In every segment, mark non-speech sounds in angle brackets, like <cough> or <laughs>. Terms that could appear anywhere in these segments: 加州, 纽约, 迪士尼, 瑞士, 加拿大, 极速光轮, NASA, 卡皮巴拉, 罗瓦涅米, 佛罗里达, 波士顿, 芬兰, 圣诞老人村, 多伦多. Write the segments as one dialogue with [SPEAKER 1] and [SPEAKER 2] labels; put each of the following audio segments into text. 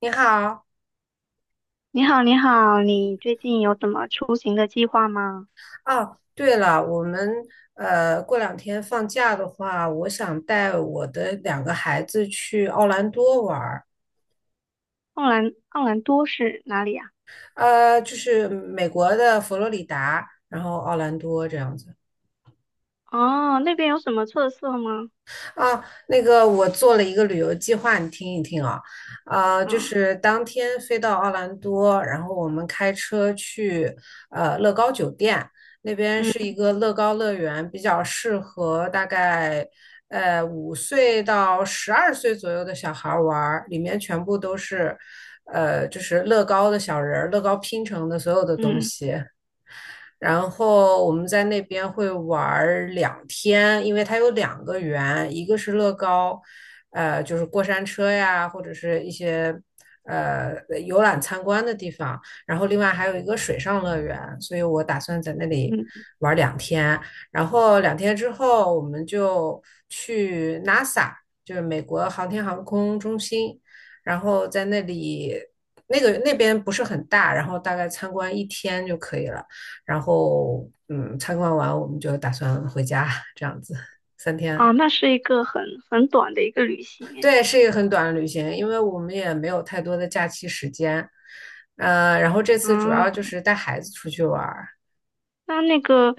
[SPEAKER 1] 你好，
[SPEAKER 2] 你好，你好，你最近有什么出行的计划吗？
[SPEAKER 1] 哦，对了，我们过两天放假的话，我想带我的两个孩子去奥兰多玩儿，
[SPEAKER 2] 奥兰多是哪里呀？
[SPEAKER 1] 就是美国的佛罗里达，然后奥兰多这样子。
[SPEAKER 2] 哦，那边有什么特色吗？
[SPEAKER 1] 啊，那个我做了一个旅游计划，你听一听啊，啊，就
[SPEAKER 2] 嗯。
[SPEAKER 1] 是当天飞到奥兰多，然后我们开车去乐高酒店，那边是一
[SPEAKER 2] 嗯。
[SPEAKER 1] 个乐高乐园，比较适合大概五岁到12岁左右的小孩玩儿，里面全部都是就是乐高的小人儿，乐高拼成的所有的东
[SPEAKER 2] 嗯。
[SPEAKER 1] 西。然后我们在那边会玩两天，因为它有两个园，一个是乐高，就是过山车呀，或者是一些呃游览参观的地方，然后另外还有一个水上乐园，所以我打算在那里
[SPEAKER 2] 嗯。
[SPEAKER 1] 玩两天，然后两天之后我们就去 NASA，就是美国航天航空中心，然后在那里。那个那边不是很大，然后大概参观一天就可以了。然后参观完我们就打算回家，这样子三
[SPEAKER 2] 啊，
[SPEAKER 1] 天。
[SPEAKER 2] 那是一个很短的一个旅行诶。
[SPEAKER 1] 对，是一个很短的旅行，因为我们也没有太多的假期时间。然后这次主要
[SPEAKER 2] 嗯，
[SPEAKER 1] 就是带孩子出去玩儿。
[SPEAKER 2] 那个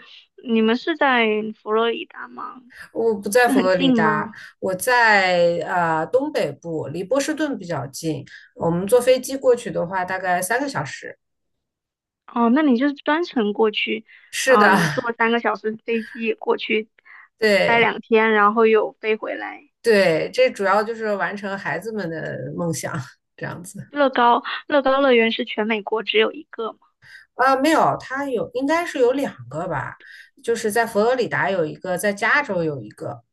[SPEAKER 2] 你们是在佛罗里达吗？
[SPEAKER 1] 我不在
[SPEAKER 2] 是
[SPEAKER 1] 佛
[SPEAKER 2] 很
[SPEAKER 1] 罗里
[SPEAKER 2] 近吗？
[SPEAKER 1] 达，我在东北部，离波士顿比较近。我们坐飞机过去的话，大概3个小时。
[SPEAKER 2] 哦，那你就是专程过去。
[SPEAKER 1] 是的，
[SPEAKER 2] 嗯，坐3个小时飞机过去，
[SPEAKER 1] <laughs>
[SPEAKER 2] 待
[SPEAKER 1] 对
[SPEAKER 2] 两天，然后又飞回来。
[SPEAKER 1] 对，这主要就是完成孩子们的梦想，这样子。
[SPEAKER 2] 乐高乐高乐园是全美国只有一个？
[SPEAKER 1] 啊，没有，它有应该是有两个吧，就是在佛罗里达有一个，在加州有一个，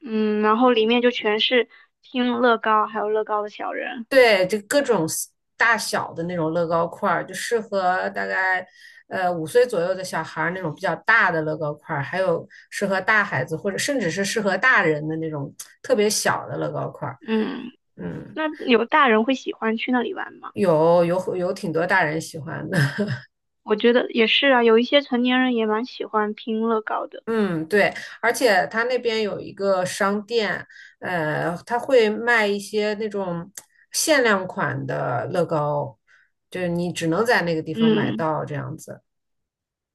[SPEAKER 2] 嗯，然后里面就全是听乐高还有乐高的小人。
[SPEAKER 1] 对，就各种 大小的那种乐高块儿，就适合大概五岁左右的小孩儿那种比较大的乐高块儿，还有适合大孩子或者甚至是适合大人的那种特别小的乐高块儿，
[SPEAKER 2] 嗯，
[SPEAKER 1] 嗯，
[SPEAKER 2] 那有大人会喜欢去那里玩吗？
[SPEAKER 1] 有有有挺多大人喜欢的。
[SPEAKER 2] 我觉得也是啊，有一些成年人也蛮喜欢拼乐高的。
[SPEAKER 1] 嗯，对，而且他那边有一个商店，他会卖一些那种限量款的乐高，就是你只能在那个地方买
[SPEAKER 2] 嗯。
[SPEAKER 1] 到这样子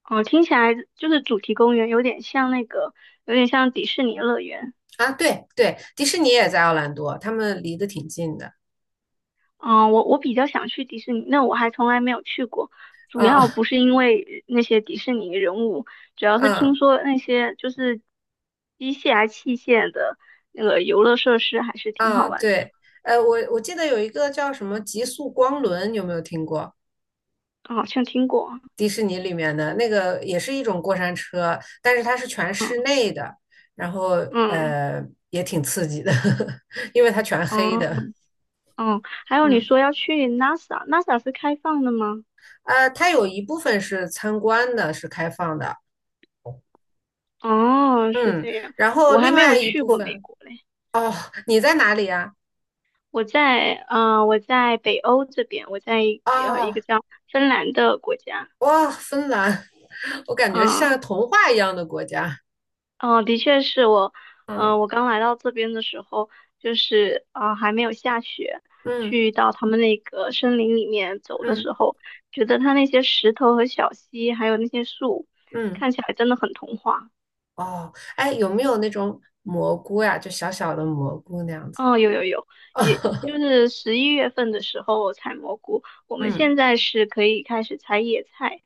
[SPEAKER 2] 哦，听起来就是主题公园有点像那个，有点像迪士尼乐园。
[SPEAKER 1] 啊。对对，迪士尼也在奥兰多，他们离得挺近的
[SPEAKER 2] 嗯，我比较想去迪士尼，那我还从来没有去过。主要
[SPEAKER 1] 啊，
[SPEAKER 2] 不是因为那些迪士尼人物，主要是听
[SPEAKER 1] 啊
[SPEAKER 2] 说那些就是机械啊器械的那个游乐设施还是挺好
[SPEAKER 1] 啊，
[SPEAKER 2] 玩的。
[SPEAKER 1] 对，我记得有一个叫什么极速光轮，有没有听过？
[SPEAKER 2] 嗯，好像听过。
[SPEAKER 1] 迪士尼里面的那个也是一种过山车，但是它是全室
[SPEAKER 2] 嗯。
[SPEAKER 1] 内的，然后
[SPEAKER 2] 嗯。
[SPEAKER 1] 呃也挺刺激的，<laughs> 因为它全黑
[SPEAKER 2] 嗯。
[SPEAKER 1] 的。
[SPEAKER 2] 嗯。还有你
[SPEAKER 1] 嗯，
[SPEAKER 2] 说要去 NASA，NASA 是开放的吗？
[SPEAKER 1] 它有一部分是参观的，是开放的。
[SPEAKER 2] 哦，是
[SPEAKER 1] 嗯，
[SPEAKER 2] 这样。
[SPEAKER 1] 然后
[SPEAKER 2] 我还
[SPEAKER 1] 另
[SPEAKER 2] 没有
[SPEAKER 1] 外一
[SPEAKER 2] 去
[SPEAKER 1] 部
[SPEAKER 2] 过美
[SPEAKER 1] 分，
[SPEAKER 2] 国嘞。
[SPEAKER 1] 哦，你在哪里呀？
[SPEAKER 2] 我在北欧这边，我在一呃一
[SPEAKER 1] 哦，
[SPEAKER 2] 个叫芬兰的国家。
[SPEAKER 1] 哇，芬兰，<laughs> 我感觉像
[SPEAKER 2] 嗯。
[SPEAKER 1] 童话一样的国家。
[SPEAKER 2] 嗯，的确是。我，嗯、
[SPEAKER 1] 嗯
[SPEAKER 2] 我刚来到这边的时候，就是啊、还没有下雪，
[SPEAKER 1] 嗯
[SPEAKER 2] 去到他们那个森林里面走的
[SPEAKER 1] 嗯
[SPEAKER 2] 时候，觉得它那些石头和小溪，还有那些树，
[SPEAKER 1] 嗯，
[SPEAKER 2] 看起来真的很童话。
[SPEAKER 1] 哦，哎，有没有那种蘑菇呀？就小小的蘑菇那样子？
[SPEAKER 2] 哦，有，有，有，也就
[SPEAKER 1] <laughs>
[SPEAKER 2] 是11月份的时候采蘑菇，我们
[SPEAKER 1] 嗯
[SPEAKER 2] 现在是可以开始采野菜，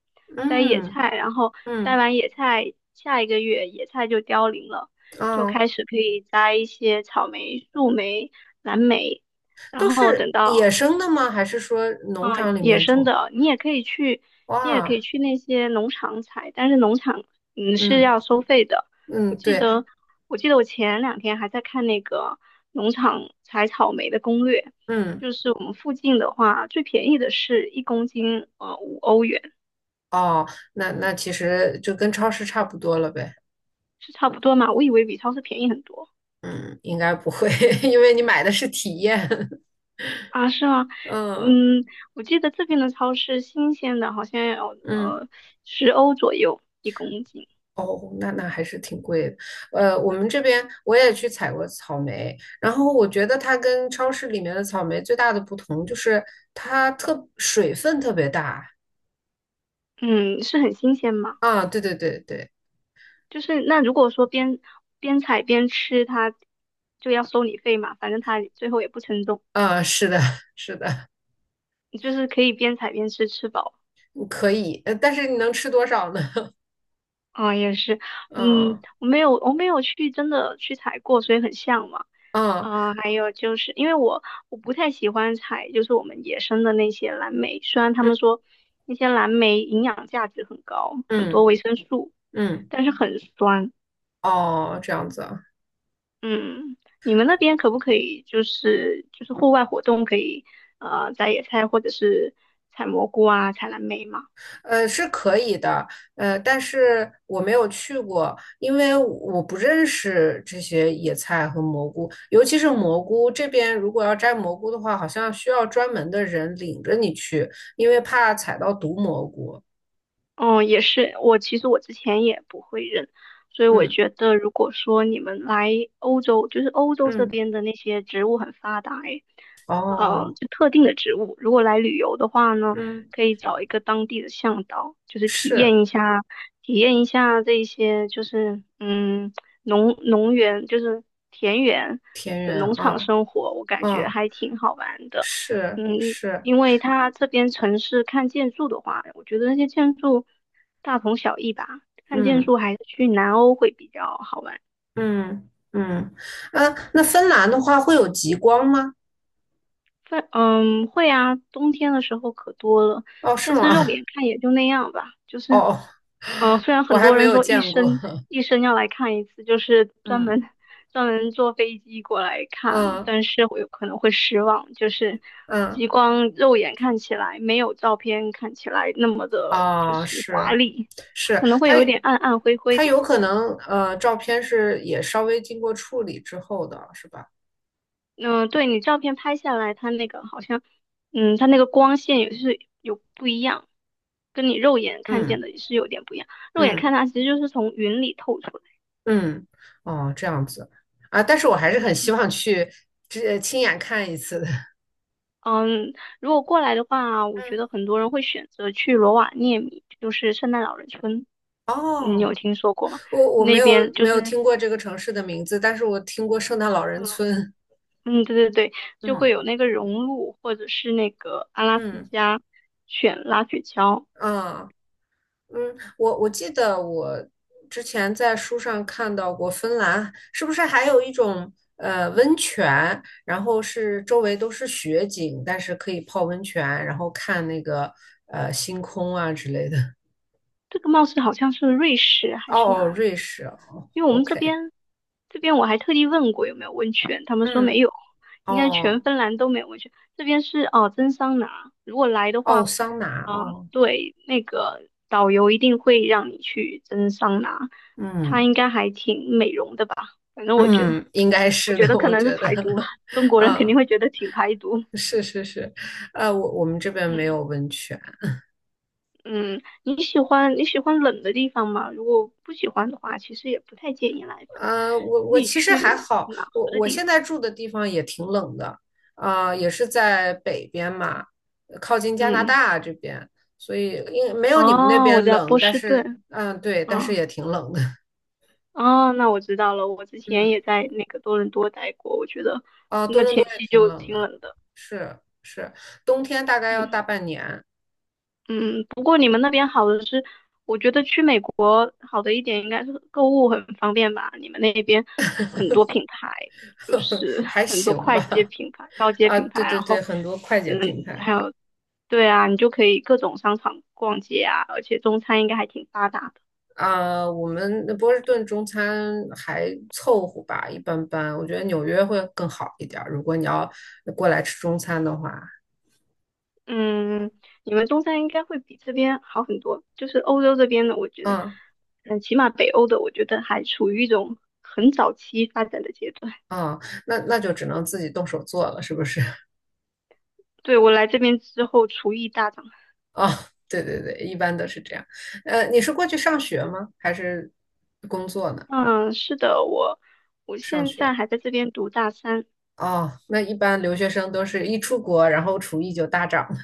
[SPEAKER 2] 摘野
[SPEAKER 1] 嗯
[SPEAKER 2] 菜，然后摘
[SPEAKER 1] 嗯，
[SPEAKER 2] 完野菜，下一个月野菜就凋零了，就
[SPEAKER 1] 啊，
[SPEAKER 2] 开始可以摘一些草莓、树莓、蓝莓，然
[SPEAKER 1] 都
[SPEAKER 2] 后
[SPEAKER 1] 是
[SPEAKER 2] 等
[SPEAKER 1] 野
[SPEAKER 2] 到
[SPEAKER 1] 生的吗？还是说农场里
[SPEAKER 2] 野
[SPEAKER 1] 面
[SPEAKER 2] 生
[SPEAKER 1] 种？
[SPEAKER 2] 的，你也可以去。你也可
[SPEAKER 1] 哇，
[SPEAKER 2] 以去那些农场采，但是农场是
[SPEAKER 1] 嗯
[SPEAKER 2] 要收费的。我
[SPEAKER 1] 嗯，
[SPEAKER 2] 记
[SPEAKER 1] 对，
[SPEAKER 2] 得，我前两天还在看那个农场采草莓的攻略，
[SPEAKER 1] 嗯，
[SPEAKER 2] 就是我们附近的话，最便宜的是一公斤5欧元。
[SPEAKER 1] 哦，那其实就跟超市差不多了呗。
[SPEAKER 2] 是差不多嘛？我以为比超市便宜很多。
[SPEAKER 1] 嗯，应该不会，<laughs> 因为你买的是体验。<laughs>
[SPEAKER 2] 啊，是吗？
[SPEAKER 1] 嗯
[SPEAKER 2] 嗯，我记得这边的超市新鲜的好像要
[SPEAKER 1] 嗯，
[SPEAKER 2] 10欧左右一公斤。
[SPEAKER 1] 哦，那还是挺贵的。我们这边我也去采过草莓，然后我觉得它跟超市里面的草莓最大的不同就是它特水分特别大。
[SPEAKER 2] 嗯，是很新鲜吗？
[SPEAKER 1] 啊，对对对对，
[SPEAKER 2] 就是那如果说边采边吃，它就要收你费嘛，反正它最后也不称重，
[SPEAKER 1] 啊，是的，是的，
[SPEAKER 2] 你就是可以边采边吃，吃饱。
[SPEAKER 1] 可以，但是你能吃多少呢？<laughs>
[SPEAKER 2] 啊、也是。嗯，
[SPEAKER 1] 嗯
[SPEAKER 2] 我没有去真的去采过，所以很向往。
[SPEAKER 1] 嗯
[SPEAKER 2] 啊、还有就是因为我不太喜欢采，就是我们野生的那些蓝莓，虽然他
[SPEAKER 1] 嗯
[SPEAKER 2] 们说那些蓝莓营养价值很高，很多
[SPEAKER 1] 嗯
[SPEAKER 2] 维生素，
[SPEAKER 1] 嗯，
[SPEAKER 2] 但是很酸。
[SPEAKER 1] 哦，这样子啊，
[SPEAKER 2] 嗯，你们那边可不可以就是户外活动可以摘野菜或者是采蘑菇啊、采蓝莓吗？
[SPEAKER 1] 是可以的，但是我没有去过，因为我不认识这些野菜和蘑菇，尤其是蘑菇这边，如果要摘蘑菇的话，好像需要专门的人领着你去，因为怕踩到毒蘑菇。
[SPEAKER 2] 哦，也是。我其实之前也不会认，所以我
[SPEAKER 1] 嗯
[SPEAKER 2] 觉得如果说你们来欧洲，就是欧洲这
[SPEAKER 1] 嗯，
[SPEAKER 2] 边的那些植物很发达，诶。
[SPEAKER 1] 哦，
[SPEAKER 2] 就特定的植物，如果来旅游的话呢，
[SPEAKER 1] 嗯，
[SPEAKER 2] 可以找一个当地的向导，就是体
[SPEAKER 1] 是
[SPEAKER 2] 验一下，体验一下这一些就是农园，就是田园
[SPEAKER 1] 田
[SPEAKER 2] 的
[SPEAKER 1] 园
[SPEAKER 2] 农场
[SPEAKER 1] 啊，
[SPEAKER 2] 生活，我感觉
[SPEAKER 1] 嗯。
[SPEAKER 2] 还挺好玩的。
[SPEAKER 1] 是
[SPEAKER 2] 嗯，
[SPEAKER 1] 是，
[SPEAKER 2] 因为它这边城市看建筑的话，我觉得那些建筑大同小异吧，看建
[SPEAKER 1] 嗯
[SPEAKER 2] 筑还是去南欧会比较好玩。
[SPEAKER 1] 嗯嗯，啊，那芬兰的话会有极光吗？
[SPEAKER 2] 非嗯会啊，冬天的时候可多了，
[SPEAKER 1] 哦，是
[SPEAKER 2] 但
[SPEAKER 1] 吗？
[SPEAKER 2] 是肉眼
[SPEAKER 1] <laughs>
[SPEAKER 2] 看也就那样吧。就是，
[SPEAKER 1] 哦，
[SPEAKER 2] 嗯、虽然
[SPEAKER 1] 我
[SPEAKER 2] 很
[SPEAKER 1] 还
[SPEAKER 2] 多
[SPEAKER 1] 没
[SPEAKER 2] 人
[SPEAKER 1] 有
[SPEAKER 2] 说一
[SPEAKER 1] 见过。
[SPEAKER 2] 生
[SPEAKER 1] <laughs>
[SPEAKER 2] 一生要来看一次，就是专门
[SPEAKER 1] 嗯，
[SPEAKER 2] 专门坐飞机过来看，
[SPEAKER 1] 嗯
[SPEAKER 2] 但是我有可能会失望，就是
[SPEAKER 1] 嗯，
[SPEAKER 2] 极光肉眼看起来没有照片看起来那么的，就
[SPEAKER 1] 哦，
[SPEAKER 2] 是华
[SPEAKER 1] 是
[SPEAKER 2] 丽，它
[SPEAKER 1] 是，
[SPEAKER 2] 可能会
[SPEAKER 1] 它
[SPEAKER 2] 有一
[SPEAKER 1] 有
[SPEAKER 2] 点暗暗灰灰的。
[SPEAKER 1] 可能，照片是也稍微经过处理之后的，是吧？
[SPEAKER 2] 嗯，对你照片拍下来，它那个好像，嗯，它那个光线也是有不一样，跟你肉眼看见
[SPEAKER 1] 嗯
[SPEAKER 2] 的也是有点不一样。肉眼看
[SPEAKER 1] 嗯
[SPEAKER 2] 它其实就是从云里透出来。
[SPEAKER 1] 嗯，哦，这样子啊，但是我还是很希望去这亲眼看一次的。
[SPEAKER 2] 嗯，如果过来的话，我觉
[SPEAKER 1] 嗯，
[SPEAKER 2] 得很多人会选择去罗瓦涅米，就是圣诞老人村。嗯，你
[SPEAKER 1] 哦。
[SPEAKER 2] 有听说过吗？
[SPEAKER 1] 我没
[SPEAKER 2] 那
[SPEAKER 1] 有
[SPEAKER 2] 边就是。
[SPEAKER 1] 听过这个城市的名字，但是我听过圣诞老人
[SPEAKER 2] 嗯。
[SPEAKER 1] 村。
[SPEAKER 2] 嗯，对，对，对，就会
[SPEAKER 1] 嗯
[SPEAKER 2] 有那个融鹿，或者是那个阿拉斯
[SPEAKER 1] 嗯
[SPEAKER 2] 加犬拉雪橇。
[SPEAKER 1] 啊嗯，我记得我之前在书上看到过芬兰，是不是还有一种温泉，然后是周围都是雪景，但是可以泡温泉，然后看那个星空啊之类的。<laughs>
[SPEAKER 2] 这个貌似好像是瑞士还是
[SPEAKER 1] 哦哦，
[SPEAKER 2] 哪里？
[SPEAKER 1] 瑞士哦
[SPEAKER 2] 因为我们这
[SPEAKER 1] ，OK，
[SPEAKER 2] 边这边我还特地问过有没有温泉，他们说没
[SPEAKER 1] 嗯，
[SPEAKER 2] 有，应该全
[SPEAKER 1] 哦
[SPEAKER 2] 芬兰都没有温泉。这边是蒸桑拿，如果来的
[SPEAKER 1] 哦，
[SPEAKER 2] 话，
[SPEAKER 1] 桑拿
[SPEAKER 2] 嗯、
[SPEAKER 1] 哦，
[SPEAKER 2] 对，那个导游一定会让你去蒸桑拿。它
[SPEAKER 1] 嗯。
[SPEAKER 2] 应该还挺美容的吧？反正我觉得，
[SPEAKER 1] 嗯，应该是的，
[SPEAKER 2] 可
[SPEAKER 1] 我
[SPEAKER 2] 能是
[SPEAKER 1] 觉得，
[SPEAKER 2] 排毒吧，
[SPEAKER 1] <laughs>
[SPEAKER 2] 中国人肯定
[SPEAKER 1] 啊，
[SPEAKER 2] 会觉得挺排毒。
[SPEAKER 1] 是是是，我们这边没
[SPEAKER 2] 嗯。
[SPEAKER 1] 有温泉，
[SPEAKER 2] 嗯，你喜欢冷的地方吗？如果不喜欢的话，其实也不太建议来芬兰，
[SPEAKER 1] 啊，我
[SPEAKER 2] 你
[SPEAKER 1] 其实还
[SPEAKER 2] 去
[SPEAKER 1] 好，
[SPEAKER 2] 暖
[SPEAKER 1] 我
[SPEAKER 2] 和的
[SPEAKER 1] 我
[SPEAKER 2] 地
[SPEAKER 1] 现
[SPEAKER 2] 方。
[SPEAKER 1] 在住的地方也挺冷的，啊、也是在北边嘛，靠近加拿
[SPEAKER 2] 嗯。
[SPEAKER 1] 大这边，所以应没有你们那
[SPEAKER 2] 哦，我
[SPEAKER 1] 边
[SPEAKER 2] 知道
[SPEAKER 1] 冷，
[SPEAKER 2] 波
[SPEAKER 1] 但
[SPEAKER 2] 士
[SPEAKER 1] 是，
[SPEAKER 2] 顿。
[SPEAKER 1] 嗯、对，但是
[SPEAKER 2] 嗯。
[SPEAKER 1] 也挺冷的，<laughs>
[SPEAKER 2] 哦，那我知道了。我之前
[SPEAKER 1] 嗯，
[SPEAKER 2] 也在那个多伦多待过，我觉得
[SPEAKER 1] 啊、多
[SPEAKER 2] 那
[SPEAKER 1] 伦
[SPEAKER 2] 天
[SPEAKER 1] 多也
[SPEAKER 2] 气
[SPEAKER 1] 挺
[SPEAKER 2] 就
[SPEAKER 1] 冷
[SPEAKER 2] 挺
[SPEAKER 1] 的，
[SPEAKER 2] 冷的。
[SPEAKER 1] 是是，冬天大概要
[SPEAKER 2] 嗯。
[SPEAKER 1] 大半年，
[SPEAKER 2] 嗯，不过你们那边好的是，我觉得去美国好的一点应该是购物很方便吧？你们那边很多品牌，就
[SPEAKER 1] <laughs>
[SPEAKER 2] 是
[SPEAKER 1] 还
[SPEAKER 2] 很多
[SPEAKER 1] 行
[SPEAKER 2] 快捷
[SPEAKER 1] 吧，
[SPEAKER 2] 品牌、高阶
[SPEAKER 1] 啊，
[SPEAKER 2] 品牌，
[SPEAKER 1] 对对
[SPEAKER 2] 然
[SPEAKER 1] 对，
[SPEAKER 2] 后
[SPEAKER 1] 很多快捷
[SPEAKER 2] 嗯，
[SPEAKER 1] 品
[SPEAKER 2] 还
[SPEAKER 1] 牌
[SPEAKER 2] 有，对啊，你就可以各种商场逛街啊，而且中餐应该还挺发达。
[SPEAKER 1] 啊，我们波士顿中餐还凑合吧，一般般。我觉得纽约会更好一点儿，如果你要过来吃中餐的话，
[SPEAKER 2] 嗯，你们中餐应该会比这边好很多。就是欧洲这边的，我觉得，
[SPEAKER 1] 嗯
[SPEAKER 2] 嗯，起码北欧的，我觉得还处于一种很早期发展的阶段。
[SPEAKER 1] 嗯，那就只能自己动手做了，是不是？<laughs>
[SPEAKER 2] 对，我来这边之后，厨艺大涨。
[SPEAKER 1] 啊，对对对，一般都是这样。你是过去上学吗？还是工作呢？
[SPEAKER 2] 嗯，是的，我
[SPEAKER 1] 上
[SPEAKER 2] 现在
[SPEAKER 1] 学。
[SPEAKER 2] 还在这边读大三。
[SPEAKER 1] 哦，那一般留学生都是一出国，然后厨艺就大涨了。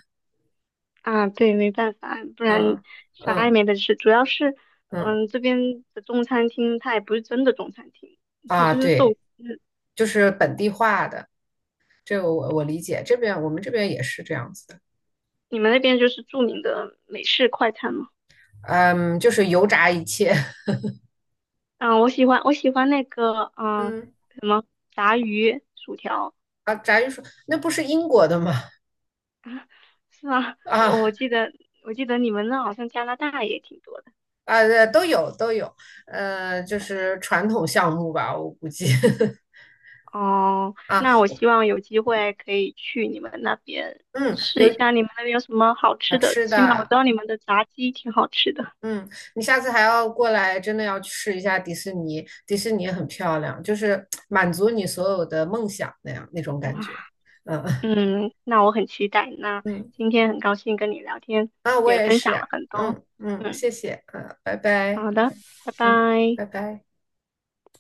[SPEAKER 2] 啊。对，没办法，不然
[SPEAKER 1] 嗯
[SPEAKER 2] 啥也
[SPEAKER 1] 嗯
[SPEAKER 2] 没得吃。主要是，
[SPEAKER 1] 嗯，
[SPEAKER 2] 嗯，这边的中餐厅它也不是真的中餐厅，它
[SPEAKER 1] 啊，
[SPEAKER 2] 就是寿
[SPEAKER 1] 对，
[SPEAKER 2] 司。
[SPEAKER 1] 就是本地化的。这个我理解，这边我们这边也是这样子的，
[SPEAKER 2] 你们那边就是著名的美式快餐吗？
[SPEAKER 1] 嗯，就是油炸一切，<laughs>
[SPEAKER 2] 嗯，我喜欢那个
[SPEAKER 1] 嗯
[SPEAKER 2] 什么炸鱼薯条
[SPEAKER 1] 啊，炸鱼薯那不是英国的吗？
[SPEAKER 2] 是吗？<laughs> 我
[SPEAKER 1] 啊
[SPEAKER 2] 我记得我记得你们那好像加拿大也挺多的
[SPEAKER 1] 啊，都有都有，就是传统项目吧，我估计 <laughs>
[SPEAKER 2] 哦。
[SPEAKER 1] 啊，
[SPEAKER 2] 那我希望有机会可以去你们那边
[SPEAKER 1] 嗯，
[SPEAKER 2] 试一
[SPEAKER 1] 有
[SPEAKER 2] 下，你们那边有什么好
[SPEAKER 1] 啊
[SPEAKER 2] 吃的？
[SPEAKER 1] 吃
[SPEAKER 2] 起码我知
[SPEAKER 1] 的，
[SPEAKER 2] 道你们的炸鸡挺好吃的。
[SPEAKER 1] 嗯，你下次还要过来，真的要去试一下迪士尼，迪士尼很漂亮，就是满足你所有的梦想那样那种感
[SPEAKER 2] 哇。
[SPEAKER 1] 觉，嗯
[SPEAKER 2] 嗯，那我很期待。
[SPEAKER 1] <laughs>
[SPEAKER 2] 那
[SPEAKER 1] 嗯
[SPEAKER 2] 今天很高兴跟你聊天，
[SPEAKER 1] 啊，我
[SPEAKER 2] 也
[SPEAKER 1] 也
[SPEAKER 2] 分享了
[SPEAKER 1] 是，
[SPEAKER 2] 很多。
[SPEAKER 1] 嗯嗯，
[SPEAKER 2] 嗯，
[SPEAKER 1] 谢谢，嗯，拜拜。
[SPEAKER 2] 好的，拜
[SPEAKER 1] 嗯，
[SPEAKER 2] 拜。
[SPEAKER 1] 拜拜。